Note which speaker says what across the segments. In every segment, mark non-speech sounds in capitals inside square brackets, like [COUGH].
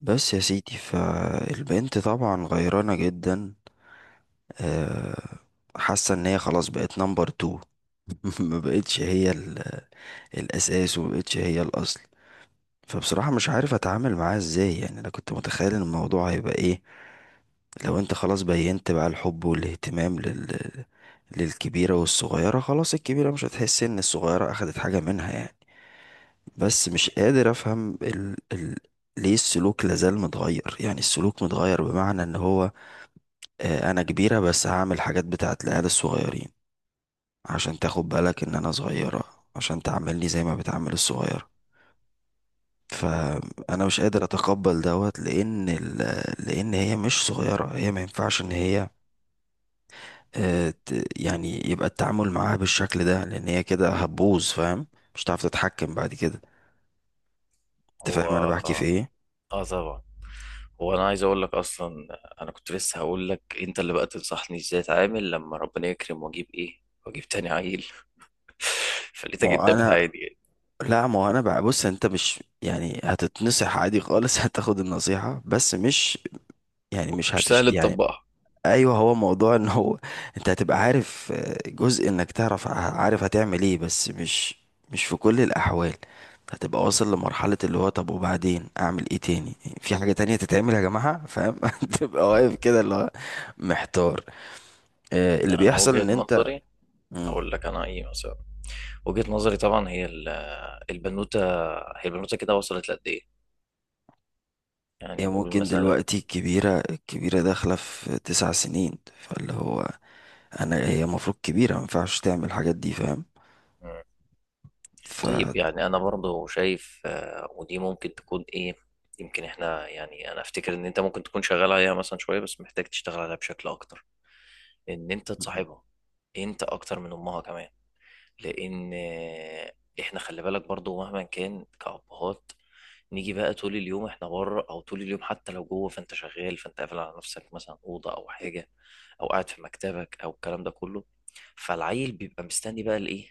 Speaker 1: بس يا سيدي فالبنت طبعا غيرانة جدا، آه، حاسة ان هي خلاص بقت نمبر تو. [LAUGHS] ما بقتش هي الاساس، وما بقتش هي الاصل. فبصراحة مش عارف اتعامل معاها ازاي، يعني انا كنت متخيل ان الموضوع هيبقى ايه. لو انت خلاص بينت بقى الحب والاهتمام للكبيرة والصغيرة، خلاص الكبيرة مش هتحس ان الصغيرة اخدت حاجة منها يعني. بس مش قادر افهم ليه السلوك لازال متغير، يعني السلوك متغير بمعنى ان هو انا كبيرة بس هعمل حاجات بتاعت العيال الصغيرين، عشان تاخد بالك ان انا صغيرة، عشان تعاملني زي ما بتعامل الصغيرة. فانا مش قادر اتقبل دوت لان لان هي مش صغيرة، هي ما ينفعش ان هي يعني يبقى التعامل معاها بالشكل ده لان هي كده هتبوظ، فاهم؟ مش هتعرف تتحكم بعد كده. انت
Speaker 2: هو
Speaker 1: فاهم انا بحكي في ايه؟
Speaker 2: آه، طبعا. هو انا عايز اقول لك اصلا انا كنت لسه هقول لك انت اللي بقى تنصحني ازاي اتعامل لما ربنا يكرم واجيب ايه واجيب تاني عيل [LAUGHS]
Speaker 1: ما
Speaker 2: فلقيتك
Speaker 1: هو
Speaker 2: انت
Speaker 1: انا
Speaker 2: بتعادي يعني.
Speaker 1: لا، ما هو انا بقى، بص انت مش يعني هتتنصح عادي خالص. [LAUGHS] هتاخد النصيحة بس مش يعني، مش
Speaker 2: مش
Speaker 1: هتش
Speaker 2: سهل
Speaker 1: يعني.
Speaker 2: تطبقها.
Speaker 1: ايوه هو موضوع ان هو انت هتبقى عارف، جزء انك تعرف، عارف هتعمل ايه، بس مش في كل الاحوال. هتبقى واصل لمرحلة اللي هو طب وبعدين اعمل ايه تاني؟ في حاجة تانية تتعمل يا جماعة، فاهم؟ [LAUGHS] تبقى
Speaker 2: مم.
Speaker 1: واقف كده اللي هو محتار. اللي
Speaker 2: لا انا
Speaker 1: بيحصل
Speaker 2: وجهة
Speaker 1: ان انت.
Speaker 2: نظري
Speaker 1: مم.
Speaker 2: هقول لك انا ايه مثلا. وجهة نظري طبعا هي البنوتة، هي البنوتة كده وصلت لقد ايه، يعني
Speaker 1: هي
Speaker 2: نقول
Speaker 1: ممكن
Speaker 2: مثلا.
Speaker 1: دلوقتي الكبيرة الكبيرة داخلة في 9 سنين، فاللي هو انا، هي المفروض كبيرة ما ينفعش تعمل الحاجات دي، فاهم؟ ف
Speaker 2: طيب يعني انا برضو شايف ودي ممكن تكون ايه. يمكن احنا يعني انا افتكر ان انت ممكن تكون شغال عليها مثلا شويه بس محتاج تشتغل عليها بشكل اكتر، ان انت
Speaker 1: مم.
Speaker 2: تصاحبها انت اكتر من امها كمان. لان احنا خلي بالك برضو مهما كان كأبهات، نيجي بقى طول اليوم احنا بره او طول اليوم حتى لو جوه فانت شغال فانت قافل على نفسك مثلا اوضه او حاجه او قاعد في مكتبك او الكلام ده كله. فالعيل بيبقى مستني بقى الايه،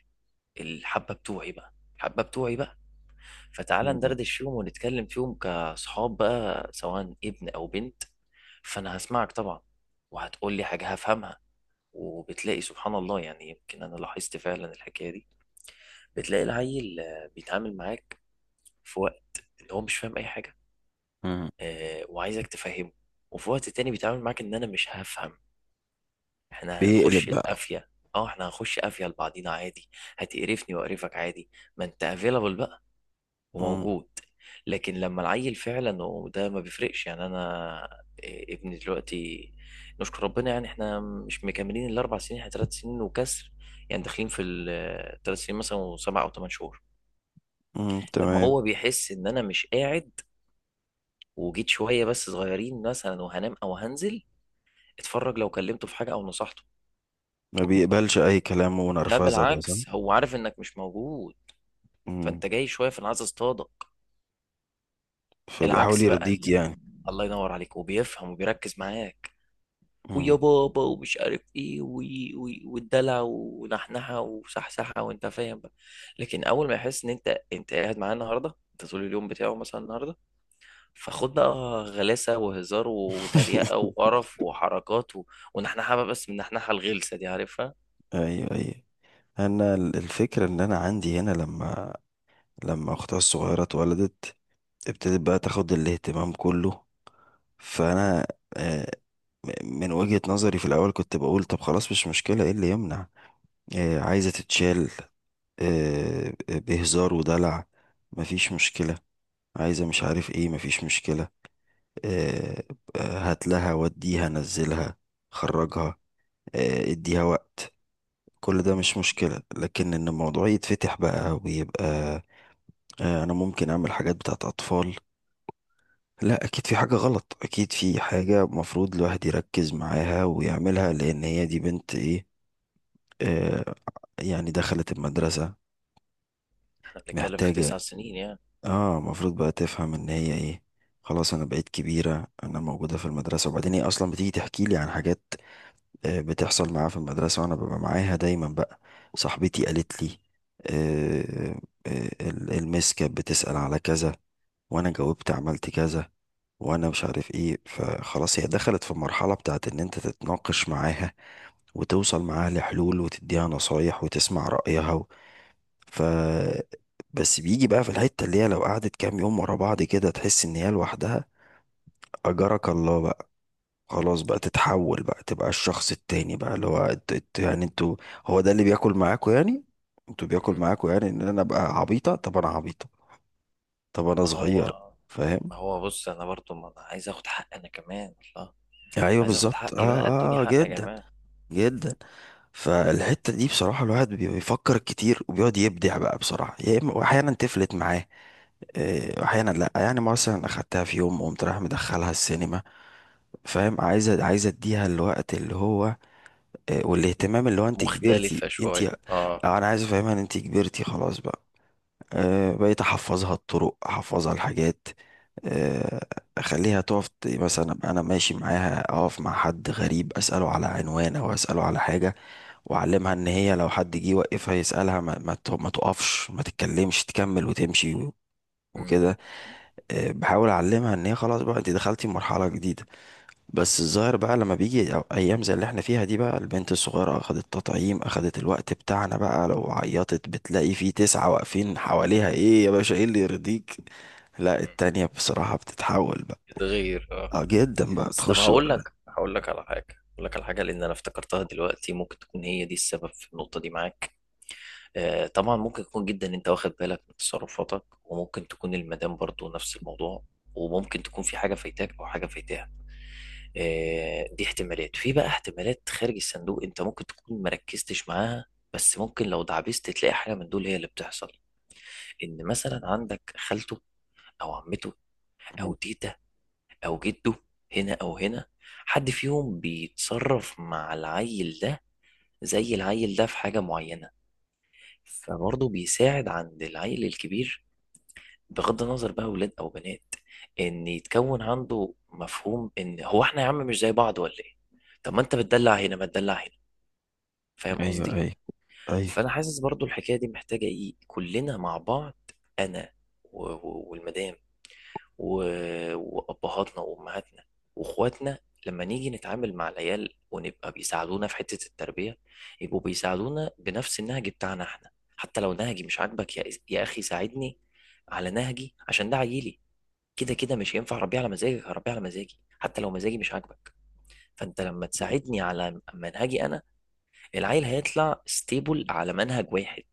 Speaker 2: الحبه بتوعي بقى الحبه بتوعي بقى، فتعالى ندردش فيهم ونتكلم فيهم كصحاب بقى سواء ابن أو بنت. فأنا هسمعك طبعا وهتقول لي حاجة هفهمها. وبتلاقي سبحان الله يعني يمكن أنا لاحظت فعلا الحكاية دي، بتلاقي العيل بيتعامل معاك في وقت إن هو مش فاهم أي حاجة
Speaker 1: مم.
Speaker 2: وعايزك تفهمه، وفي وقت تاني بيتعامل معاك إن أنا مش هفهم. إحنا
Speaker 1: بيقلب
Speaker 2: هنخش
Speaker 1: بقى.
Speaker 2: القافية اه احنا هنخش قافية لبعضينا عادي، هتقرفني وأقرفك عادي، ما انت افيلابل بقى وموجود. لكن لما العيل فعلا، وده ما بيفرقش يعني انا ابني دلوقتي نشكر ربنا يعني احنا مش مكملين ال4 سنين، احنا 3 سنين وكسر، يعني داخلين في ال3 سنين مثلا وسبع او ثمان شهور. لما
Speaker 1: تمام.
Speaker 2: هو بيحس ان انا مش قاعد وجيت شويه بس صغيرين مثلا وهنام او هنزل اتفرج لو كلمته في حاجه او نصحته،
Speaker 1: ما بيقبلش اي كلام
Speaker 2: لا
Speaker 1: ونرفزه بقى، صح.
Speaker 2: بالعكس هو عارف انك مش موجود
Speaker 1: امم.
Speaker 2: فانت جاي شويه فانا عايز اصطادك.
Speaker 1: فبيحاول
Speaker 2: العكس بقى،
Speaker 1: يرضيك يعني.
Speaker 2: الله ينور عليك، وبيفهم وبيركز معاك ويا
Speaker 1: امم.
Speaker 2: بابا ومش عارف ايه والدلع ونحنحه وصحصحه وانت فاهم بقى. لكن اول ما يحس ان انت قاعد معاه النهارده انت طول اليوم بتاعه مثلا النهارده فخد بقى غلاسه وهزار وتريقه
Speaker 1: [LAUGHS]
Speaker 2: وقرف وحركات و... ونحنحه بقى، بس من النحنحه الغلسه دي عارفها.
Speaker 1: ايوه، ايوه. انا الفكره ان انا عندي هنا لما اختها الصغيره اتولدت، ابتدت بقى تاخد الاهتمام كله. فانا آه، من وجهه نظري في الاول كنت بقول طب خلاص مش مشكله، ايه اللي يمنع؟ عايزه تتشال، بهزار ودلع، مفيش مشكله. عايزه مش عارف ايه، مفيش مشكله. آه، هات لها وديها نزلها خرجها، اديها وقت. كل ده
Speaker 2: مم.
Speaker 1: مش مشكلة، لكن ان الموضوع يتفتح بقى ويبقى انا ممكن اعمل حاجات بتاعت اطفال. لا، اكيد في حاجة غلط، اكيد في حاجة مفروض الواحد يركز معاها ويعملها لان هي دي بنت ايه، آه، يعني دخلت المدرسة
Speaker 2: احنا بنتكلم في
Speaker 1: محتاجة.
Speaker 2: 9 سنين يعني.
Speaker 1: اه المفروض بقى تفهم ان هي ايه، خلاص انا بقيت كبيرة، انا موجودة في المدرسة. وبعدين هي اصلا بتيجي تحكي لي عن حاجات بتحصل معايا في المدرسة، وأنا ببقى معاها دايما بقى. صاحبتي قالت لي، آه، المس كانت بتسأل على كذا، وأنا جاوبت عملت كذا، وأنا مش عارف إيه. فخلاص هي دخلت في المرحلة بتاعت إن أنت تتناقش معاها، وتوصل معاها لحلول، وتديها نصايح، وتسمع رأيها و... ف بس بيجي بقى في الحتة اللي هي لو قعدت كام يوم ورا بعض كده تحس إن هي لوحدها، أجرك الله، خلاص بقى تتحول بقى، تبقى الشخص التاني بقى اللي هو يعني انتوا، هو ده اللي بياكل معاكوا يعني، انتوا بياكل
Speaker 2: مم.
Speaker 1: معاكوا يعني ان انا ابقى عبيطة. طب انا عبيطة، طب انا
Speaker 2: ما
Speaker 1: صغير،
Speaker 2: هو
Speaker 1: فاهم؟
Speaker 2: ما هو بص انا برضو ما انا عايز اخد حق انا كمان، الله،
Speaker 1: ايوه
Speaker 2: عايز اخد
Speaker 1: بالظبط، اه،
Speaker 2: حقي بقى ادوني
Speaker 1: اه،
Speaker 2: حق يا
Speaker 1: جدا،
Speaker 2: جماعه.
Speaker 1: جدا. فالحتة دي بصراحة الواحد بيفكر كتير وبيقعد يبدع بقى، بصراحة يا اما، واحيانا تفلت معاه واحيانا لا. يعني مثلا اخدتها في يوم قمت رايح مدخلها السينما، فاهم، عايزة اديها الوقت اللي هو والاهتمام اللي هو انت كبرتي
Speaker 2: مختلفه
Speaker 1: انت
Speaker 2: شويه اه.
Speaker 1: انا عايز افهمها ان انت كبرتي خلاص بقى. بقيت احفظها الطرق، احفظها الحاجات. آه، اخليها تقف مثلا أبقى انا ماشي معاها اقف مع حد غريب اساله على عنوان او اساله على حاجه، واعلمها ان هي لو حد جه يوقفها يسالها ما تقفش ما تتكلمش، تكمل وتمشي وكده. بحاول اعلمها ان هي خلاص بقى انت دخلتي مرحله جديده. بس الظاهر بقى لما بيجي ايام زي اللي احنا فيها دي بقى، البنت الصغيره اخدت تطعيم، اخدت الوقت بتاعنا بقى، لو عيطت بتلاقي فيه تسعه واقفين حواليها ايه يا باشا ايه اللي يرضيك. لا
Speaker 2: مم.
Speaker 1: التانية بصراحه بتتحول بقى،
Speaker 2: يتغير اه.
Speaker 1: اه جدا بقى
Speaker 2: بس طب
Speaker 1: تخش
Speaker 2: هقول
Speaker 1: بقى.
Speaker 2: لك هقول لك على حاجه، هقول لك على حاجه لان انا افتكرتها دلوقتي، ممكن تكون هي دي السبب في النقطه دي معاك. آه طبعا ممكن يكون جدا انت واخد بالك من تصرفاتك، وممكن تكون المدام برضو نفس الموضوع، وممكن تكون في حاجه فايتاك او حاجه فايتاها. آه دي احتمالات، في بقى احتمالات خارج الصندوق، انت ممكن تكون مركزتش معاها. بس ممكن لو دعبست تلاقي حاجه من دول هي اللي بتحصل، ان مثلا عندك خالته او عمته او
Speaker 1: مم.
Speaker 2: تيتا او جده هنا او هنا، حد فيهم بيتصرف مع العيل ده زي العيل ده في حاجة معينة فبرضه بيساعد عند العيل الكبير، بغض النظر بقى ولاد او بنات، ان يتكون عنده مفهوم ان هو احنا يا عم مش زي بعض ولا ايه. طب ما انت بتدلع هنا ما تدلع هنا، فاهم
Speaker 1: ايوه،
Speaker 2: قصدي.
Speaker 1: ايوه، ايوه.
Speaker 2: فانا حاسس برضه الحكاية دي محتاجة ايه، كلنا مع بعض، انا والمدام وابهاتنا وامهاتنا واخواتنا، لما نيجي نتعامل مع العيال ونبقى بيساعدونا في حته التربيه يبقوا بيساعدونا بنفس النهج بتاعنا احنا. حتى لو نهجي مش عاجبك يا اخي ساعدني على نهجي عشان ده عيلي. كده كده مش هينفع اربيه على مزاجك، هربيه على مزاجي حتى لو مزاجي مش عاجبك. فانت لما تساعدني على منهجي انا، العيل هيطلع ستيبل على منهج واحد،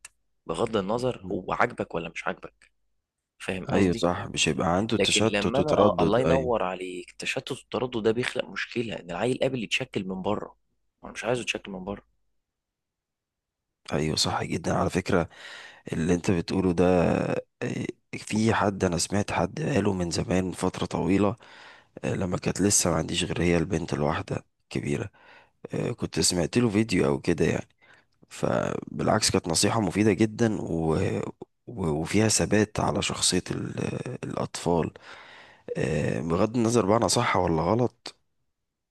Speaker 2: بغض النظر
Speaker 1: مم.
Speaker 2: هو عاجبك ولا مش عاجبك. فاهم
Speaker 1: ايوه
Speaker 2: قصدي.
Speaker 1: صح، مش هيبقى عنده
Speaker 2: لكن
Speaker 1: تشتت
Speaker 2: لما انا آه،
Speaker 1: وتردد،
Speaker 2: الله
Speaker 1: ايوه.
Speaker 2: ينور عليك، التشتت والتردد ده بيخلق مشكله ان العيل قابل يتشكل من بره، انا مش عايزه يتشكل من بره.
Speaker 1: ايوه صح جدا على فكرة اللي انت بتقوله ده. آه، في حد، انا سمعت حد قاله من زمان، من فترة طويلة، لما كانت لسه ما عنديش غير هي البنت الواحدة الكبيرة. كنت سمعت له فيديو او كده يعني. فبالعكس كانت نصيحة مفيدة جدا وفيها ثبات على شخصية الأطفال. بغض النظر بقى أنا صح ولا غلط،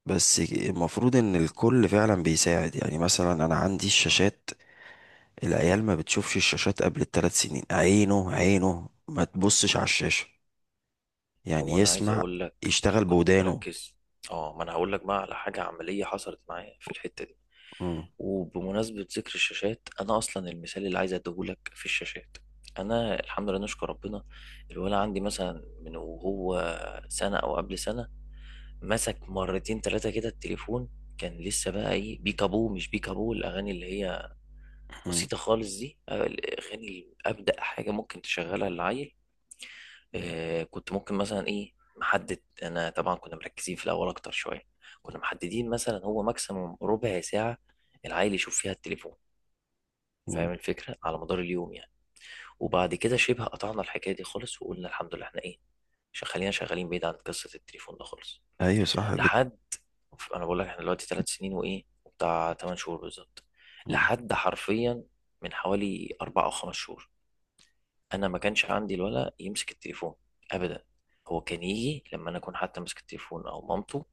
Speaker 1: بس المفروض إن الكل فعلا بيساعد. يعني مثلا أنا عندي الشاشات، العيال ما بتشوفش الشاشات قبل ال3 سنين، عينه عينه ما تبصش على الشاشة، يعني
Speaker 2: هو انا عايز
Speaker 1: يسمع
Speaker 2: اقول لك انا
Speaker 1: يشتغل
Speaker 2: كنت
Speaker 1: بودانه.
Speaker 2: مركز. اه ما انا هقول لك بقى على حاجه عمليه حصلت معايا في الحته دي،
Speaker 1: مم.
Speaker 2: وبمناسبه ذكر الشاشات انا اصلا المثال اللي عايز اديهولك في الشاشات. انا الحمد لله نشكر ربنا، الولد عندي مثلا من وهو سنه او قبل سنه مسك مرتين ثلاثه كده التليفون، كان لسه بقى ايه بيكابو مش بيكابو، الاغاني اللي هي
Speaker 1: مم.
Speaker 2: بسيطة خالص دي أغاني أبدأ حاجة ممكن تشغلها للعيل. آه كنت ممكن مثلا إيه محدد، أنا طبعا كنا مركزين في الأول أكتر شوية، كنا محددين مثلا هو ماكسيموم ربع ساعة العيل يشوف فيها التليفون،
Speaker 1: مم.
Speaker 2: فاهم الفكرة، على مدار اليوم يعني. وبعد كده شبه قطعنا الحكاية دي خالص وقلنا الحمد لله إحنا إيه، خلينا شغالين بعيد عن قصة التليفون ده خالص.
Speaker 1: ايوه صح جدا.
Speaker 2: لحد، أنا بقول لك إحنا دلوقتي 3 سنين وإيه وبتاع 8 شهور بالظبط،
Speaker 1: مم.
Speaker 2: لحد حرفيا من حوالي 4 أو 5 شهور انا ما كانش عندي الولد يمسك التليفون ابدا. هو كان يجي لما انا اكون حتى ماسك التليفون او مامته،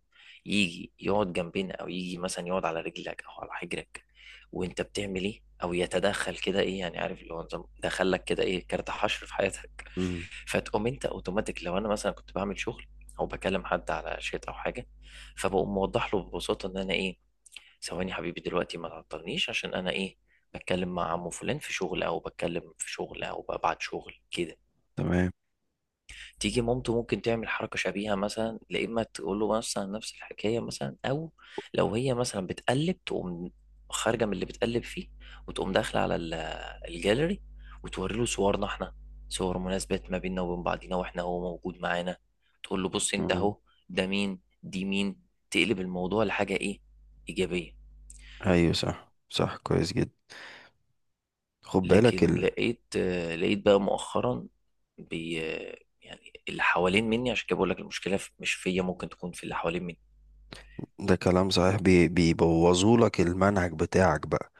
Speaker 2: يجي يقعد جنبنا او يجي مثلا يقعد على رجلك او على حجرك وانت بتعمل ايه او يتدخل كده ايه، يعني عارف اللي هو نظام دخلك كده ايه، كارت حشر في حياتك.
Speaker 1: مم.
Speaker 2: فتقوم انت اوتوماتيك لو انا مثلا كنت بعمل شغل او بكلم حد على شات او حاجه، فبقوم موضح له ببساطه ان انا ايه، ثواني يا حبيبي دلوقتي ما تعطلنيش عشان انا ايه، بتكلم مع عمو فلان في شغل او بتكلم في شغل او ببعت شغل كده.
Speaker 1: تمام.
Speaker 2: تيجي مامته ممكن تعمل حركه شبيهه مثلا، لا اما تقول له مثلا نفس الحكايه مثلا، او لو هي مثلا بتقلب تقوم خارجه من اللي بتقلب فيه، وتقوم داخله على الجاليري وتوري له صورنا احنا، صور مناسبات ما بيننا وبين بعضينا واحنا هو موجود معانا، تقول له بص انت
Speaker 1: مم.
Speaker 2: اهو ده مين دي مين، تقلب الموضوع لحاجه ايه، ايجابيه.
Speaker 1: ايوه صح، صح، كويس جدا. خد بالك
Speaker 2: لكن لقيت لقيت بقى مؤخرا بي آه، يعني اللي حوالين مني، عشان كده بقول لك المشكله مش فيا، ممكن تكون في اللي حوالين مني.
Speaker 1: ده كلام صحيح. بيبوظوا لك المنهج بتاعك بقى،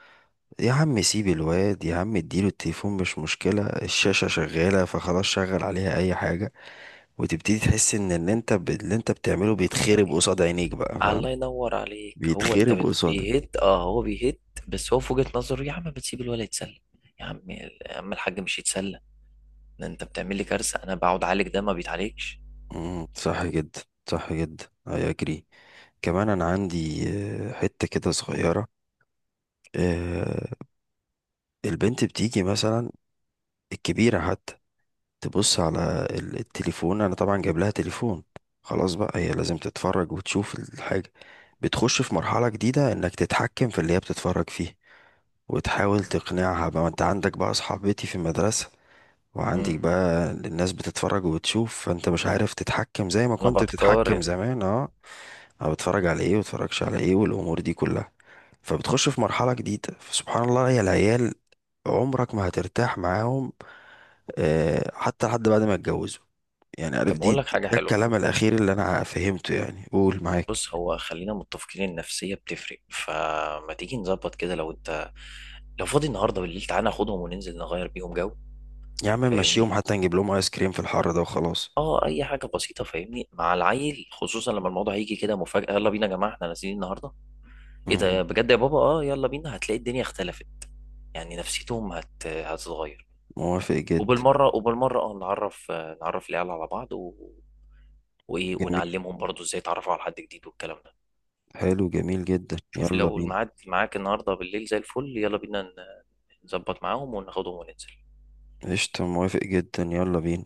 Speaker 1: يا عم سيب الواد، يا عم اديله التليفون مش مشكلة، الشاشة شغالة فخلاص شغل عليها اي حاجة. وتبتدي تحس ان اللي انت بتعمله
Speaker 2: يقول
Speaker 1: بيتخرب
Speaker 2: لك
Speaker 1: قصاد عينيك بقى، فاهم؟
Speaker 2: الله ينور عليك، هو انت
Speaker 1: بيتخرب قصادك.
Speaker 2: بيهت اه هو بيهت. بس هو في وجهه نظره يا عم ما تسيب الولد يتسلى، يا عم يا عم الحاج، مش يتسلى ده انت بتعمل لي كارثه انا بقعد اعالج ده ما بيتعالجش.
Speaker 1: مم، صح جدا. صح جدا اي اجري. كمان انا عندي حتة كده صغيرة. آه، البنت بتيجي مثلا، الكبيرة حتى، تبص
Speaker 2: مم.
Speaker 1: على التليفون. انا طبعا جايب لها تليفون، خلاص بقى هي لازم تتفرج وتشوف الحاجة. بتخش في مرحلة جديدة انك تتحكم في اللي هي بتتفرج فيه، وتحاول تقنعها بقى ما انت عندك بقى صحابتي في المدرسة، وعندك
Speaker 2: مم.
Speaker 1: بقى الناس بتتفرج وبتشوف، فانت مش عارف تتحكم زي ما
Speaker 2: انا
Speaker 1: كنت بتتحكم
Speaker 2: بتقارن.
Speaker 1: زمان، اه. انا بتفرج على ايه وبتفرجش على ايه والامور دي كلها. فبتخش في مرحلة جديدة، فسبحان الله يا العيال عمرك ما هترتاح معاهم، حتى لحد بعد ما اتجوزوا. يعني عارف،
Speaker 2: طب اقول لك حاجه
Speaker 1: ده
Speaker 2: حلوه،
Speaker 1: الكلام الاخير اللي انا فهمته، يعني قول معاك.
Speaker 2: بص هو خلينا متفقين النفسية بتفرق، فما تيجي نظبط كده، لو انت لو فاضي النهاردة بالليل تعالى ناخدهم وننزل نغير بيهم جو.
Speaker 1: يا عم مشيهم
Speaker 2: فاهمني،
Speaker 1: حتى نجيب لهم ايس كريم في الحر ده وخلاص.
Speaker 2: اه اي حاجة بسيطة، فاهمني، مع العيل خصوصا لما الموضوع هيجي كده مفاجأة، يلا بينا يا جماعة احنا نازلين النهاردة، ايه ده
Speaker 1: مهم.
Speaker 2: بجد يا بابا اه، يلا بينا، هتلاقي الدنيا اختلفت يعني نفسيتهم هتتغير.
Speaker 1: موافق جدا.
Speaker 2: وبالمرة وبالمرة اه نعرف العيال على بعض و... وايه،
Speaker 1: جميل.
Speaker 2: ونعلمهم برضو ازاي يتعرفوا على حد جديد والكلام ده.
Speaker 1: حلو جميل جدا،
Speaker 2: شوف
Speaker 1: يلا
Speaker 2: لو
Speaker 1: بينا.
Speaker 2: الميعاد معاك النهارده بالليل زي الفل يلا بينا نظبط معاهم وناخدهم وننزل.
Speaker 1: قشطة، موافق جدا، يلا بينا.